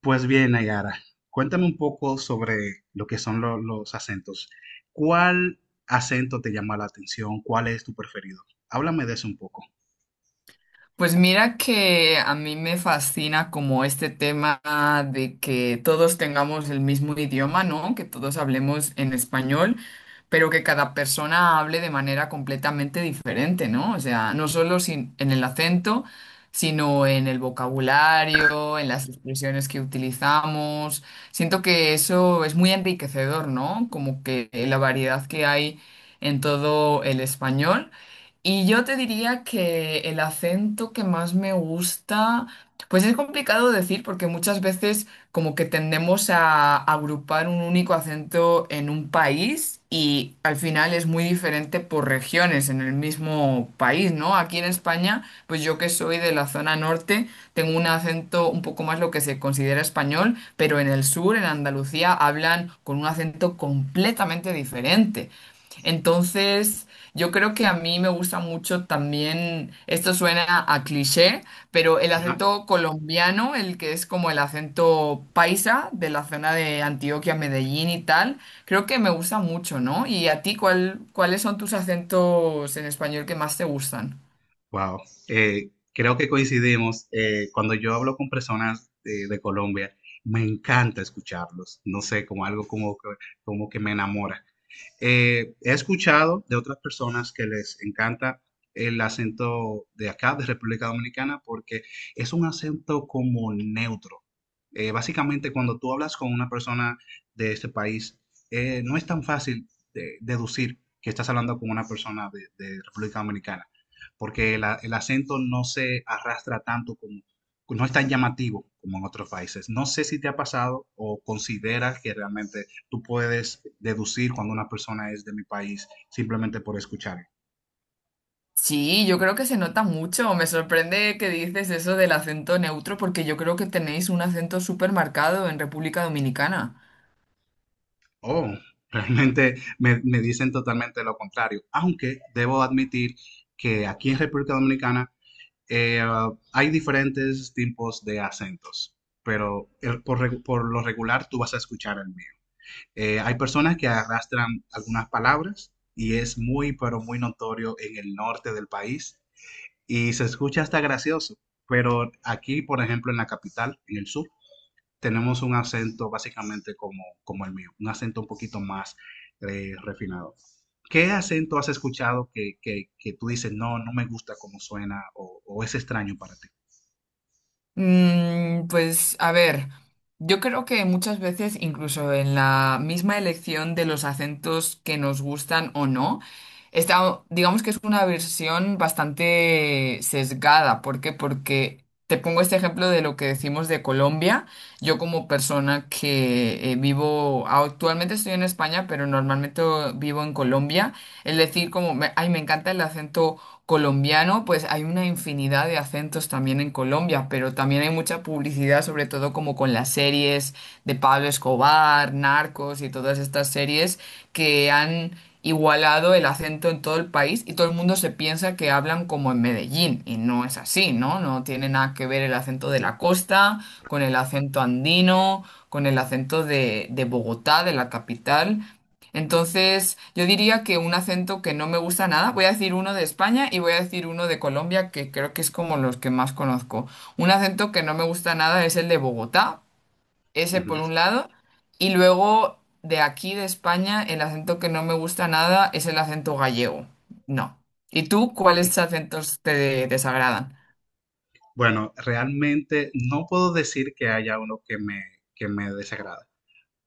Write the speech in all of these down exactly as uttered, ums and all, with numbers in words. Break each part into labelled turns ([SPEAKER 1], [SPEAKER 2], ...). [SPEAKER 1] Pues bien, Nayara, cuéntame un poco sobre lo que son lo- los acentos. ¿Cuál acento te llama la atención? ¿Cuál es tu preferido? Háblame de eso un poco.
[SPEAKER 2] Pues mira que a mí me fascina como este tema de que todos tengamos el mismo idioma, ¿no? Que todos hablemos en español, pero que cada persona hable de manera completamente diferente, ¿no? O sea, no solo sin- en el acento, sino en el vocabulario, en las expresiones que utilizamos. Siento que eso es muy enriquecedor, ¿no? Como que la variedad que hay en todo el español. Y yo te diría que el acento que más me gusta, pues es complicado decir porque muchas veces como que tendemos a agrupar un único acento en un país y al final es muy diferente por regiones en el mismo país, ¿no? Aquí en España, pues yo que soy de la zona norte, tengo un acento un poco más lo que se considera español, pero en el sur, en Andalucía, hablan con un acento completamente diferente. Entonces, yo creo que a mí me gusta mucho también, esto suena a cliché, pero el
[SPEAKER 1] Ajá.
[SPEAKER 2] acento colombiano, el que es como el acento paisa de la zona de Antioquia, Medellín y tal, creo que me gusta mucho, ¿no? ¿Y a ti cuál, cuáles son tus acentos en español que más te gustan?
[SPEAKER 1] Wow, eh, creo que coincidimos. Eh, cuando yo hablo con personas eh, de Colombia, me encanta escucharlos. No sé, como algo como que, como que me enamora. Eh, he escuchado de otras personas que les encanta el acento de acá, de República Dominicana, porque es un acento como neutro. Eh, básicamente, cuando tú hablas con una persona de este país, eh, no es tan fácil de- deducir que estás hablando con una persona de, de República Dominicana, porque la- el acento no se arrastra tanto como, no es tan llamativo como en otros países. No sé si te ha pasado o consideras que realmente tú puedes deducir cuando una persona es de mi país simplemente por escuchar.
[SPEAKER 2] Sí, yo creo que se nota mucho. Me sorprende que dices eso del acento neutro porque yo creo que tenéis un acento súper marcado en República Dominicana.
[SPEAKER 1] Oh, realmente me, me dicen totalmente lo contrario, aunque debo admitir que aquí en República Dominicana eh, hay diferentes tipos de acentos, pero el- por, regu- por lo regular tú vas a escuchar el mío. Eh, hay personas que arrastran algunas palabras y es muy, pero muy notorio en el norte del país y se escucha hasta gracioso, pero aquí, por ejemplo, en la capital, en el sur, tenemos un acento básicamente como, como el mío, un acento un poquito más eh, refinado. ¿Qué acento has escuchado que, que, que, tú dices, no, no me gusta cómo suena, o, o es extraño para ti?
[SPEAKER 2] Mm, pues a ver, yo creo que muchas veces, incluso en la misma elección de los acentos que nos gustan o no, está, digamos que es una versión bastante sesgada. ¿Por qué? Porque te pongo este ejemplo de lo que decimos de Colombia. Yo como persona que eh, vivo, actualmente estoy en España, pero normalmente vivo en Colombia. Es decir, como, me, ay, me encanta el acento colombiano, pues hay una infinidad de acentos también en Colombia, pero también hay mucha publicidad, sobre todo como con las series de Pablo Escobar, Narcos y todas estas series que han igualado el acento en todo el país y todo el mundo se piensa que hablan como en Medellín y no es así, ¿no? No tiene nada que ver el acento de la costa con el acento andino, con el acento de, de, Bogotá, de la capital. Entonces, yo diría que un acento que no me gusta nada, voy a decir uno de España y voy a decir uno de Colombia, que creo que es como los que más conozco. Un acento que no me gusta nada es el de Bogotá,
[SPEAKER 1] Uh
[SPEAKER 2] ese por
[SPEAKER 1] -huh.
[SPEAKER 2] un lado. Y luego de aquí, de España, el acento que no me gusta nada es el acento gallego. No. ¿Y tú cuáles acentos te desagradan?
[SPEAKER 1] Bueno, realmente no puedo decir que haya uno que me, que me desagrade.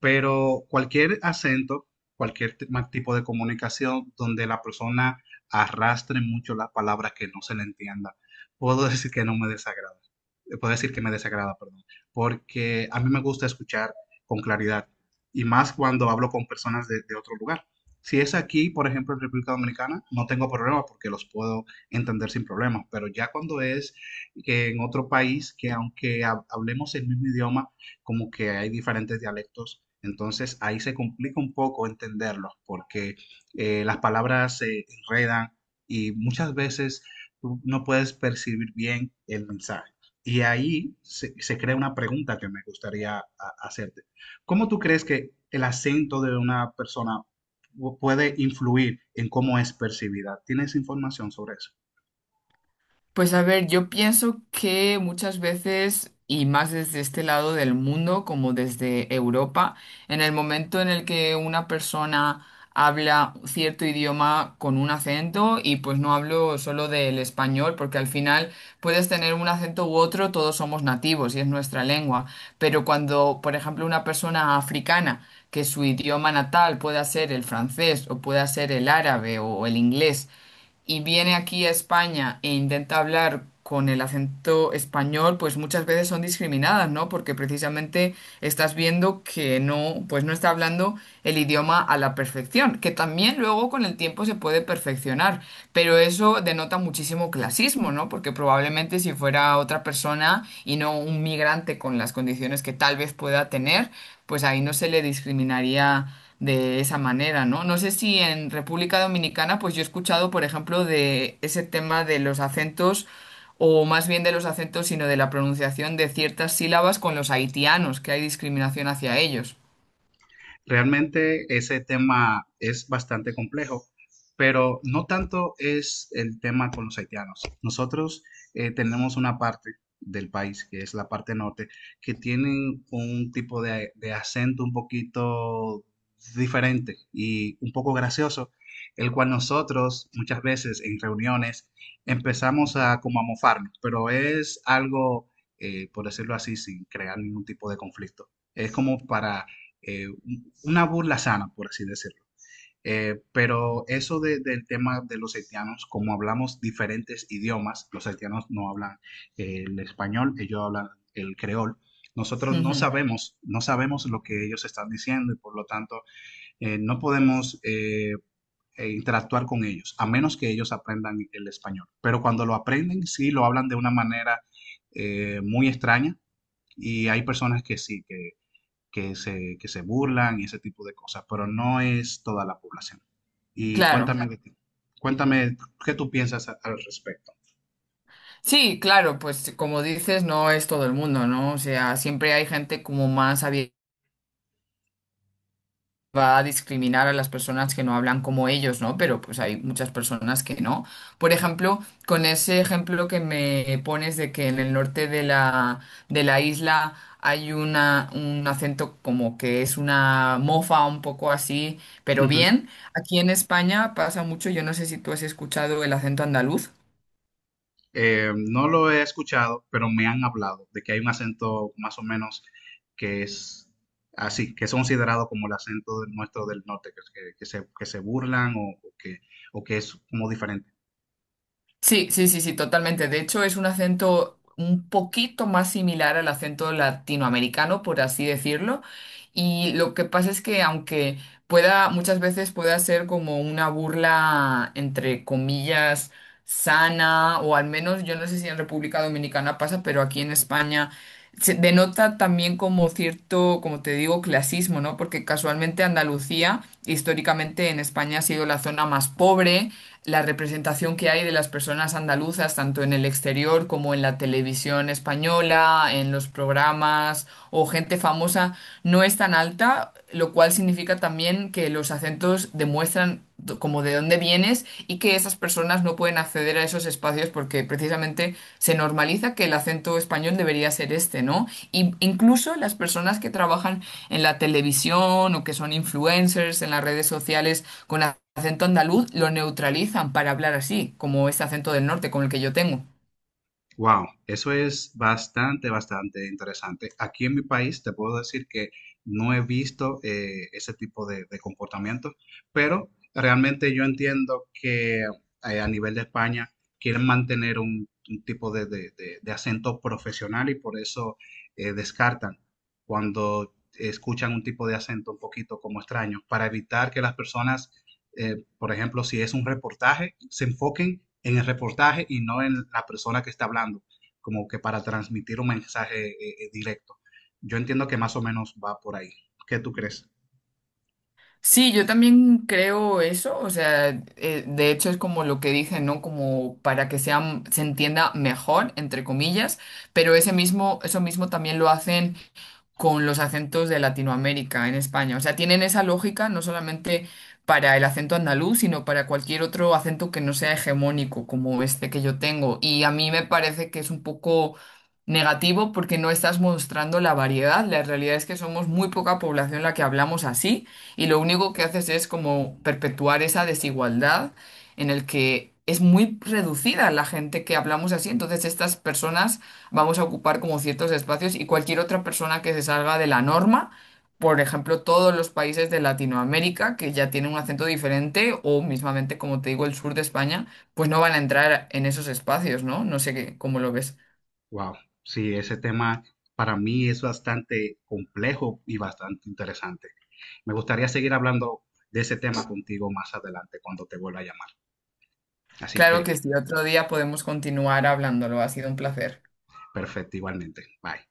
[SPEAKER 1] Pero cualquier acento, cualquier t- ma- tipo de comunicación donde la persona arrastre mucho las palabras que no se le entienda, puedo decir que no me desagrada. Eh, Puedo decir que me desagrada, perdón. Porque a mí me gusta escuchar con claridad y más cuando hablo con personas de, de otro lugar. Si es aquí, por ejemplo, en República Dominicana, no tengo problema porque los puedo entender sin problemas, pero ya cuando es que en otro país, que aunque hab- hablemos el mismo idioma, como que hay diferentes dialectos, entonces ahí se complica un poco entenderlos porque eh, las palabras se enredan y muchas veces tú no puedes percibir bien el mensaje. Y ahí se, se crea una pregunta que me gustaría a- hacerte. ¿Cómo tú crees que el acento de una persona pu- puede influir en cómo es percibida? ¿Tienes información sobre eso?
[SPEAKER 2] Pues a ver, yo pienso que muchas veces, y más desde este lado del mundo, como desde Europa, en el momento en el que una persona habla cierto idioma con un acento, y pues no hablo solo del español, porque al final puedes tener un acento u otro, todos somos nativos y es nuestra lengua, pero cuando, por ejemplo, una persona africana, que su idioma natal pueda ser el francés o pueda ser el árabe o el inglés, y viene aquí a España e intenta hablar con el acento español, pues muchas veces son discriminadas, ¿no? Porque precisamente estás viendo que no, pues no está hablando el idioma a la perfección, que también luego con el tiempo se puede perfeccionar, pero eso denota muchísimo clasismo, ¿no? Porque probablemente si fuera otra persona y no un migrante con las condiciones que tal vez pueda tener, pues ahí no se le discriminaría de esa manera, ¿no? No sé si en República Dominicana, pues yo he escuchado, por ejemplo, de ese tema de los acentos, o más bien de los acentos, sino de la pronunciación de ciertas sílabas con los haitianos, que hay discriminación hacia ellos.
[SPEAKER 1] Realmente ese tema es bastante complejo, pero no tanto es el tema con los haitianos. Nosotros eh, tenemos una parte del país, que es la parte norte, que tienen un tipo de, de acento un poquito diferente y un poco gracioso, el cual nosotros muchas veces en reuniones empezamos a como a mofarnos, pero es algo, eh, por decirlo así, sin crear ningún tipo de conflicto. Es como para eh, una burla sana, por así decirlo. Eh, pero eso de, del tema de los haitianos, como hablamos diferentes idiomas, los haitianos no hablan eh, el español, ellos hablan el creol. Nosotros no
[SPEAKER 2] Ujú.
[SPEAKER 1] sabemos, no sabemos lo que ellos están diciendo y por lo tanto eh, no podemos eh, eh, interactuar con ellos, a menos que ellos aprendan el español. Pero cuando lo aprenden, sí lo hablan de una manera eh, muy extraña y hay personas que sí, que que se, que se burlan y ese tipo de cosas, pero no es toda la población. Y
[SPEAKER 2] Claro.
[SPEAKER 1] cuéntame de Exacto. ti. Cuéntame qué tú piensas a- al respecto.
[SPEAKER 2] Sí, claro, pues como dices, no es todo el mundo, ¿no? O sea, siempre hay gente como más abierta va a discriminar a las personas que no hablan como ellos, ¿no? Pero pues hay muchas personas que no. Por ejemplo, con ese ejemplo que me pones de que en el norte de la, de la isla hay una, un acento como que es una mofa un poco así, pero
[SPEAKER 1] Ujú.
[SPEAKER 2] bien, aquí en España pasa mucho, yo no sé si tú has escuchado el acento andaluz.
[SPEAKER 1] Eh, no lo he escuchado, pero me han hablado de que hay un acento más o menos que es así, que es considerado como el acento del- nuestro del norte, que, que- que se, que se burlan, o, o que, o que es como diferente.
[SPEAKER 2] Sí, sí, sí, sí, totalmente. De hecho, es un acento un poquito más similar al acento latinoamericano, por así decirlo. Y lo que pasa es que aunque pueda, muchas veces pueda ser como una burla, entre comillas, sana, o al menos, yo no sé si en República Dominicana pasa, pero aquí en España se denota también como cierto, como te digo, clasismo, ¿no? Porque casualmente Andalucía, históricamente en España, ha sido la zona más pobre. La representación que hay de las personas andaluzas, tanto en el exterior como en la televisión española, en los programas o gente famosa, no es tan alta, lo cual significa también que los acentos demuestran do- como de dónde vienes y que esas personas no pueden acceder a esos espacios porque precisamente se normaliza que el acento español debería ser este, ¿no? Y incluso las personas que trabajan en la televisión o que son influencers en las redes sociales con acento andaluz lo neutralizan para hablar así, como ese acento del norte con el que yo tengo.
[SPEAKER 1] Wow, eso es bastante, bastante interesante. Aquí en mi país te puedo decir que no he visto eh, ese tipo de, de comportamiento, pero realmente yo entiendo que eh, a nivel de España quieren mantener un, un tipo de, de- de- de acento profesional y por eso eh, descartan cuando escuchan un tipo de acento un poquito como extraño, para evitar que las personas, eh, por ejemplo, si es un reportaje, se enfoquen en el reportaje y no en la persona que está hablando, como que para transmitir un mensaje eh, eh, directo. Yo entiendo que más o menos va por ahí. ¿Qué tú crees?
[SPEAKER 2] Sí, yo también creo eso, o sea, eh, de hecho es como lo que dije, ¿no? Como para que sea, se entienda mejor, entre comillas, pero ese mismo, eso mismo también lo hacen con los acentos de Latinoamérica en España. O sea, tienen esa lógica no solamente para el acento andaluz, sino para cualquier otro acento que no sea hegemónico como este que yo tengo. Y a mí me parece que es un poco negativo porque no estás mostrando la variedad. La realidad es que somos muy poca población la que hablamos así y lo único que haces es como perpetuar esa desigualdad en el que... Es muy reducida la gente que hablamos así, entonces estas personas vamos a ocupar como ciertos espacios y cualquier otra persona que se salga de la norma, por ejemplo, todos los países de Latinoamérica que ya tienen un acento diferente o mismamente, como te digo, el sur de España, pues no van a entrar en esos espacios, ¿no? No sé qué, cómo lo ves.
[SPEAKER 1] Wow, sí, ese tema para mí es bastante complejo y bastante interesante. Me gustaría seguir hablando de ese tema contigo más adelante cuando te vuelva a llamar. Así que,
[SPEAKER 2] Claro que si
[SPEAKER 1] sí,
[SPEAKER 2] otro día podemos continuar hablándolo, ha sido un placer.
[SPEAKER 1] perfecto, igualmente. Bye.